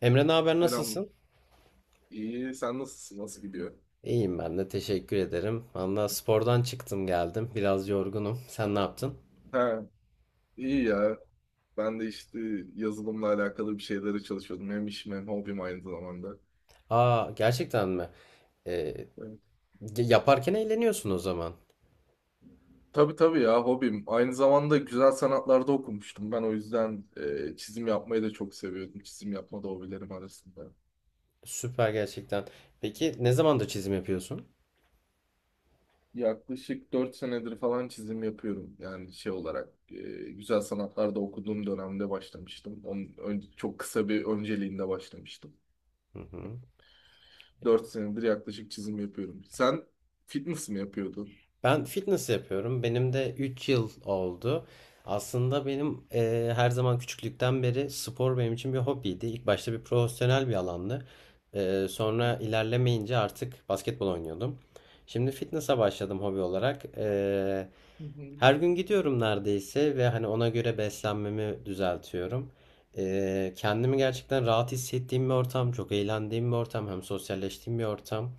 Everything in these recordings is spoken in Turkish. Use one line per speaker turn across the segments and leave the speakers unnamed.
Emre, ne haber,
Selam.
nasılsın?
İyi. Sen nasılsın? Nasıl gidiyor?
İyiyim, ben de teşekkür ederim. Valla spordan çıktım geldim. Biraz yorgunum. Sen ne yaptın?
Ha, iyi ya. Ben de işte yazılımla alakalı bir şeylere çalışıyordum. Hem işim hem hobim aynı zamanda.
Aa, gerçekten mi? Ee,
Evet.
yaparken eğleniyorsun o zaman.
Tabii tabii ya hobim. Aynı zamanda güzel sanatlarda okumuştum. Ben o yüzden çizim yapmayı da çok seviyordum. Çizim yapma da hobilerim arasında.
Süper gerçekten. Peki ne zamandır çizim yapıyorsun?
Yaklaşık 4 senedir falan çizim yapıyorum. Yani şey olarak güzel sanatlarda okuduğum dönemde başlamıştım. Çok kısa bir önceliğinde başlamıştım.
Hı hı.
4 senedir yaklaşık çizim yapıyorum. Sen fitness mi yapıyordun?
Ben fitness yapıyorum. Benim de 3 yıl oldu. Aslında benim her zaman küçüklükten beri spor benim için bir hobiydi. İlk başta bir profesyonel bir alandı. Sonra ilerlemeyince artık basketbol oynuyordum. Şimdi fitness'a başladım hobi olarak.
Hı hı.
Her gün gidiyorum neredeyse ve hani ona göre beslenmemi düzeltiyorum. Kendimi gerçekten rahat hissettiğim bir ortam, çok eğlendiğim bir ortam, hem sosyalleştiğim bir ortam.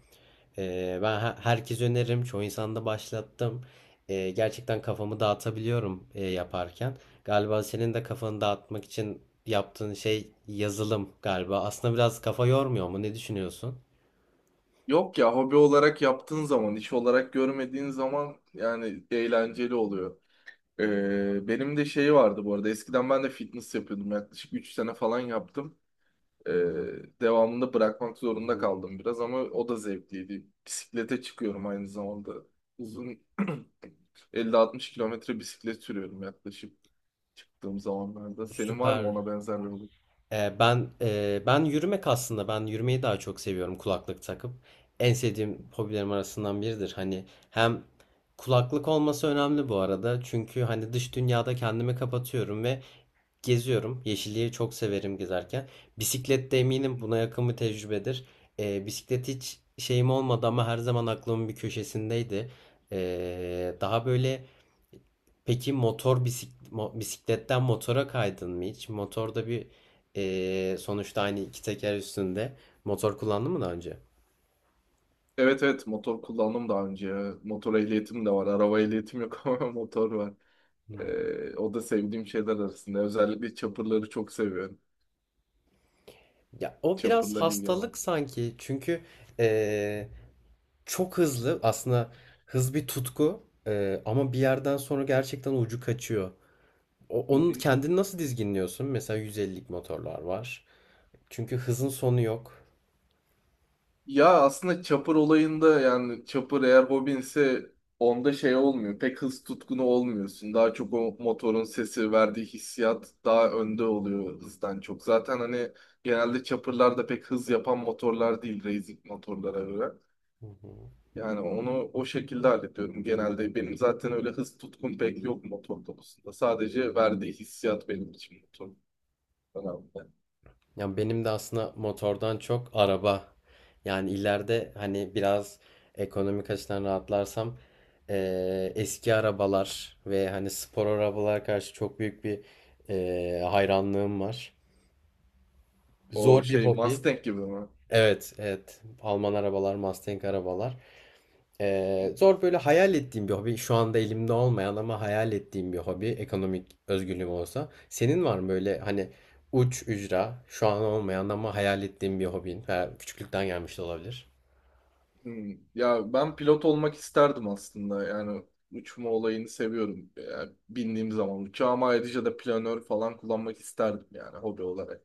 Herkes öneririm. Çoğu insanda başlattım. Gerçekten kafamı dağıtabiliyorum yaparken. Galiba senin de kafanı dağıtmak için yaptığın şey yazılım galiba. Aslında biraz kafa yormuyor mu? Ne düşünüyorsun?
Yok ya hobi olarak yaptığın zaman, iş olarak görmediğin zaman yani eğlenceli oluyor. Benim de şey vardı bu arada. Eskiden ben de fitness yapıyordum. Yaklaşık 3 sene falan yaptım. Ee, Devamında bırakmak zorunda kaldım biraz ama o da zevkliydi. Bisiklete çıkıyorum aynı zamanda. Uzun 50-60 kilometre bisiklet sürüyorum yaklaşık çıktığım zamanlarda. Senin var mı
Süper.
ona benzer bir
Ben yürümek aslında ben yürümeyi daha çok seviyorum kulaklık takıp. En sevdiğim hobilerim arasından biridir. Hani hem kulaklık olması önemli bu arada. Çünkü hani dış dünyada kendimi kapatıyorum ve geziyorum. Yeşilliği çok severim gezerken. Bisiklet de eminim buna yakın bir tecrübedir. Bisiklet hiç şeyim olmadı ama her zaman aklımın bir köşesindeydi. Daha böyle peki bisikletten motora kaydın mı hiç? Motorda bir sonuçta aynı iki teker üstünde motor kullandın mı daha önce?
evet evet motor kullandım daha önce. Ya. Motor ehliyetim de var. Araba ehliyetim yok ama motor var.
Hmm.
O da sevdiğim şeyler arasında. Özellikle chopper'ları çok seviyorum.
Ya o biraz
Chopper'la ilgilenmem.
hastalık sanki çünkü eee, çok hızlı aslında hız bir tutku, ama bir yerden sonra gerçekten ucu kaçıyor.
Hı
Onun
hı.
kendini nasıl dizginliyorsun? Mesela 150'lik motorlar var. Çünkü hızın sonu yok.
Ya aslında chopper olayında yani chopper eğer hobinse onda şey olmuyor. Pek hız tutkunu olmuyorsun. Daha çok o motorun sesi verdiği hissiyat daha önde oluyor hızdan çok. Zaten hani genelde chopper'lar da pek hız yapan motorlar değil racing motorlara göre.
Hı hı.
Yani onu o şekilde hallediyorum genelde. Benim zaten öyle hız tutkum pek yok motor konusunda. Sadece verdiği hissiyat benim için motor önemli.
Ya benim de aslında motordan çok araba. Yani ileride hani biraz ekonomik açıdan rahatlarsam eski arabalar ve hani spor arabalara karşı çok büyük bir hayranlığım var.
O
Zor bir
şey
hobi.
Mustang gibi mi?
Evet, evet. Alman arabalar, Mustang arabalar. Zor böyle hayal ettiğim bir hobi. Şu anda elimde olmayan ama hayal ettiğim bir hobi. Ekonomik özgürlüğüm olsa. Senin var mı böyle hani uç ücra şu an olmayan ama hayal ettiğim bir hobin veya küçüklükten gelmiş de olabilir.
Hmm. Ya ben pilot olmak isterdim aslında. Yani uçma olayını seviyorum. Yani bindiğim zaman uçağıma ayrıca da planör falan kullanmak isterdim yani hobi olarak.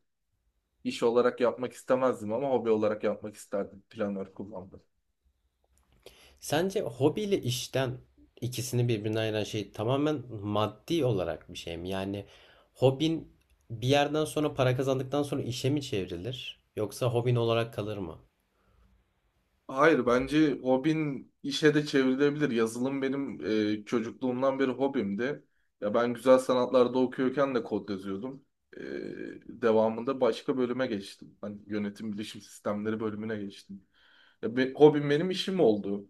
İş olarak yapmak istemezdim ama hobi olarak yapmak isterdim planör kullanmayı.
Sence hobiyle işten ikisini birbirinden ayıran şey tamamen maddi olarak bir şey mi? Yani hobin bir yerden sonra para kazandıktan sonra işe mi çevrilir? Yoksa hobin olarak kalır mı?
Hayır bence hobin işe de çevrilebilir. Yazılım benim çocukluğumdan beri hobimdi. Ya ben güzel sanatlarda okuyorken de kod yazıyordum. E, Devamında başka bölüme geçtim. Hani yönetim bilişim sistemleri bölümüne geçtim. Hobim benim işim oldu.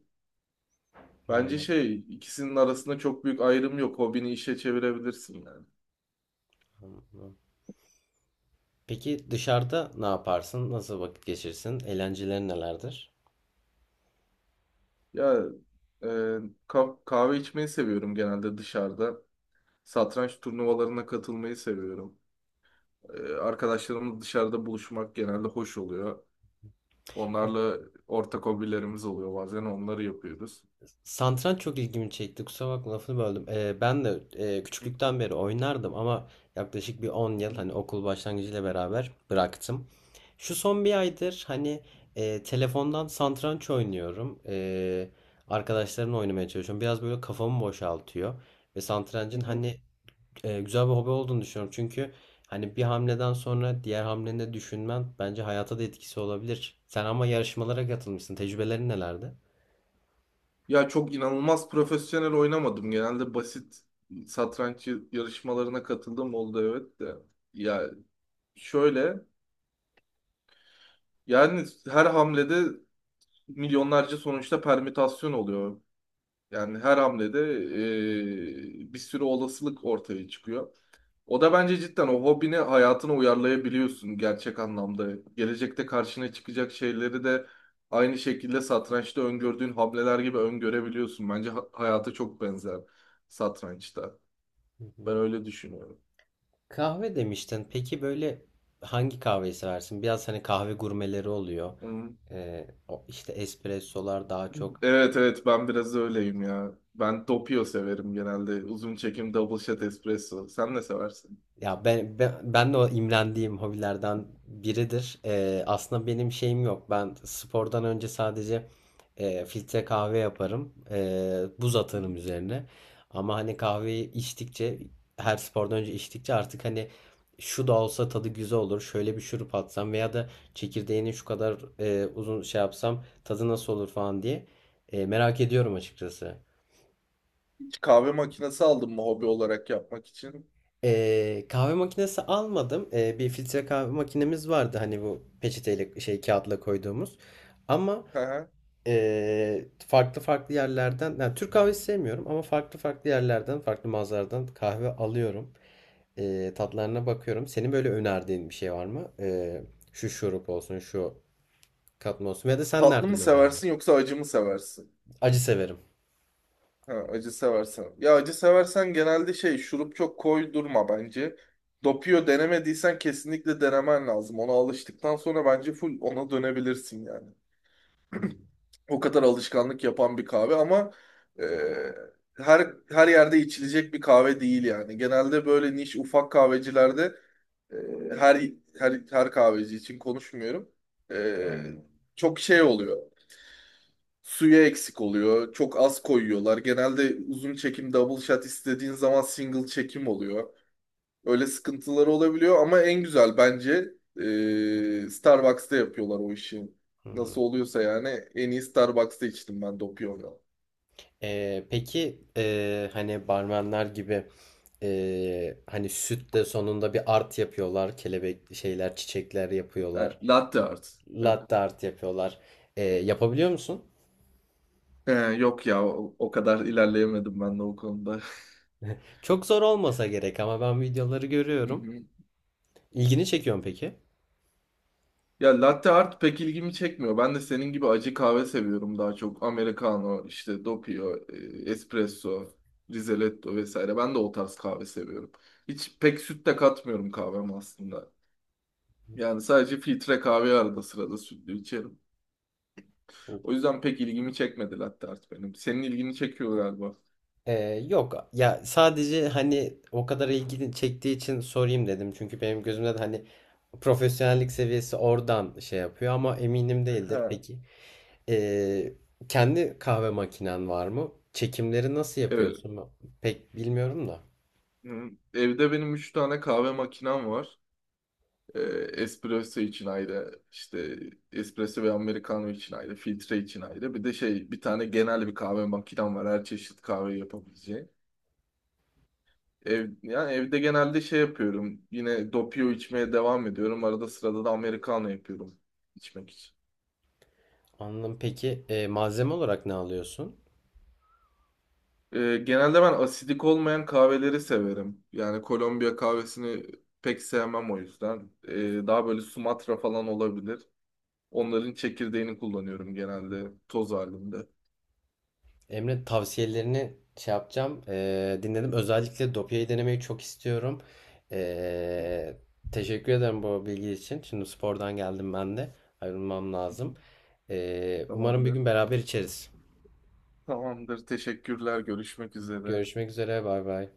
Hmm,
Bence şey ikisinin arasında çok büyük ayrım yok. Hobini işe çevirebilirsin yani.
anladım. Peki dışarıda ne yaparsın? Nasıl vakit geçirsin? Eğlencelerin nelerdir?
Ya e, kahve içmeyi seviyorum genelde dışarıda. Satranç turnuvalarına katılmayı seviyorum. Arkadaşlarımız dışarıda buluşmak genelde hoş oluyor. Onlarla ortak hobilerimiz oluyor bazen onları yapıyoruz.
Satranç çok ilgimi çekti. Kusura bakma, lafını böldüm.
Hı
Küçüklükten beri oynardım ama yaklaşık bir 10 yıl
hı
hani okul başlangıcıyla beraber bıraktım. Şu son bir aydır hani telefondan satranç oynuyorum. Arkadaşlarımla oynamaya çalışıyorum. Biraz böyle kafamı boşaltıyor. Ve
hı.
satrancın
Hı.
hani güzel bir hobi olduğunu düşünüyorum. Çünkü hani bir hamleden sonra diğer hamleni de düşünmen bence hayata da etkisi olabilir. Sen ama yarışmalara katılmışsın. Tecrübelerin nelerdi?
Ya çok inanılmaz profesyonel oynamadım. Genelde basit satranç yarışmalarına katıldım oldu evet de. Ya şöyle yani her hamlede milyonlarca sonuçta permütasyon oluyor. Yani her hamlede bir sürü olasılık ortaya çıkıyor. O da bence cidden o hobini hayatına uyarlayabiliyorsun gerçek anlamda. Gelecekte karşına çıkacak şeyleri de aynı şekilde satrançta öngördüğün hamleler gibi öngörebiliyorsun. Bence hayata çok benzer satrançta.
Hı hı.
Ben öyle düşünüyorum.
Kahve demiştin. Peki böyle hangi kahveyi seversin? Biraz hani kahve gurmeleri oluyor.
Hı.
O işte espressolar daha çok.
Evet evet ben biraz öyleyim ya. Ben Doppio severim genelde. Uzun çekim double shot espresso. Sen ne seversin?
Ya ben de o imrendiğim hobilerden biridir. Aslında benim şeyim yok. Ben spordan önce sadece filtre kahve yaparım. Buz
Hı.
atarım üzerine. Ama hani kahveyi içtikçe, her spordan önce içtikçe artık hani şu da olsa tadı güzel olur. Şöyle bir şurup atsam veya da çekirdeğini şu kadar uzun şey yapsam tadı nasıl olur falan diye merak ediyorum açıkçası.
Hiç kahve makinesi aldın mı hobi olarak yapmak için?
Kahve makinesi almadım. Bir filtre kahve makinemiz vardı. Hani bu peçeteyle şey kağıtla koyduğumuz. Ama
Hı hı.
farklı farklı yerlerden, yani Türk kahvesi sevmiyorum ama farklı farklı yerlerden farklı mağazalardan kahve alıyorum. Tatlarına bakıyorum. Senin böyle önerdiğin bir şey var mı? Şu şurup olsun, şu katma olsun. Ya da sen
Tatlı mı
nereden öğrendin?
seversin yoksa acı mı seversin?
Acı severim.
Ha, acı seversen. Ya acı seversen genelde şey şurup çok koydurma bence. Dopuyor denemediysen kesinlikle denemen lazım. Ona alıştıktan sonra bence full ona dönebilirsin yani.
Hmm.
O kadar alışkanlık yapan bir kahve ama e, her her yerde içilecek bir kahve değil yani. Genelde böyle niş ufak kahvecilerde e, her her kahveci için konuşmuyorum. E, Çok şey oluyor. Suyu eksik oluyor. Çok az koyuyorlar. Genelde uzun çekim double shot istediğin zaman single çekim oluyor. Öyle sıkıntıları olabiliyor ama en güzel bence Starbucks'ta yapıyorlar o işi.
Hmm.
Nasıl oluyorsa yani en iyi Starbucks'ta içtim ben Doppio'yu.
Peki hani barmenler gibi, hani süt de sonunda bir art yapıyorlar. Kelebek şeyler, çiçekler
He,
yapıyorlar.
latte art. Evet.
Latte art yapıyorlar. Yapabiliyor musun?
He, yok ya o, o kadar ilerleyemedim ben de o konuda.
Çok zor olmasa gerek ama ben videoları görüyorum. İlgini çekiyor mu peki?
Ya latte art pek ilgimi çekmiyor. Ben de senin gibi acı kahve seviyorum daha çok. Americano, işte doppio, espresso, rizeletto vesaire. Ben de o tarz kahve seviyorum. Hiç pek süt de katmıyorum kahveme aslında. Yani sadece filtre kahve arada sırada sütlü içerim. O yüzden pek ilgimi çekmedi latte art benim. Senin ilgini çekiyor galiba.
Ee, Yok ya, sadece hani o kadar ilgini çektiği için sorayım dedim. Çünkü benim gözümde de hani profesyonellik seviyesi oradan şey yapıyor ama eminim değildir.
Ha.
Peki. Ee, Kendi kahve makinen var mı? Çekimleri nasıl
Evet.
yapıyorsun? Ben pek bilmiyorum da.
Hı. Evde benim 3 tane kahve makinem var. E, Espresso için ayrı, işte espresso ve americano için ayrı, filtre için ayrı. Bir de şey bir tane genel bir kahve makinem var. Her çeşit kahve yapabileceği. Ev, yani evde genelde şey yapıyorum. Yine doppio içmeye devam ediyorum. Arada sırada da americano yapıyorum içmek için.
Anladım. Peki malzeme olarak ne alıyorsun?
Genelde ben asidik olmayan kahveleri severim. Yani Kolombiya kahvesini pek sevmem o yüzden. Daha böyle Sumatra falan olabilir. Onların çekirdeğini kullanıyorum genelde toz halinde.
Emre, tavsiyelerini şey yapacağım. Dinledim. Özellikle Dopia'yı denemeyi çok istiyorum. E, Teşekkür ederim bu bilgi için. Şimdi spordan geldim ben de. Ayrılmam lazım. Umarım bir
Tamamdır.
gün beraber içeriz.
Tamamdır. Teşekkürler. Görüşmek üzere.
Görüşmek üzere. Bay bay.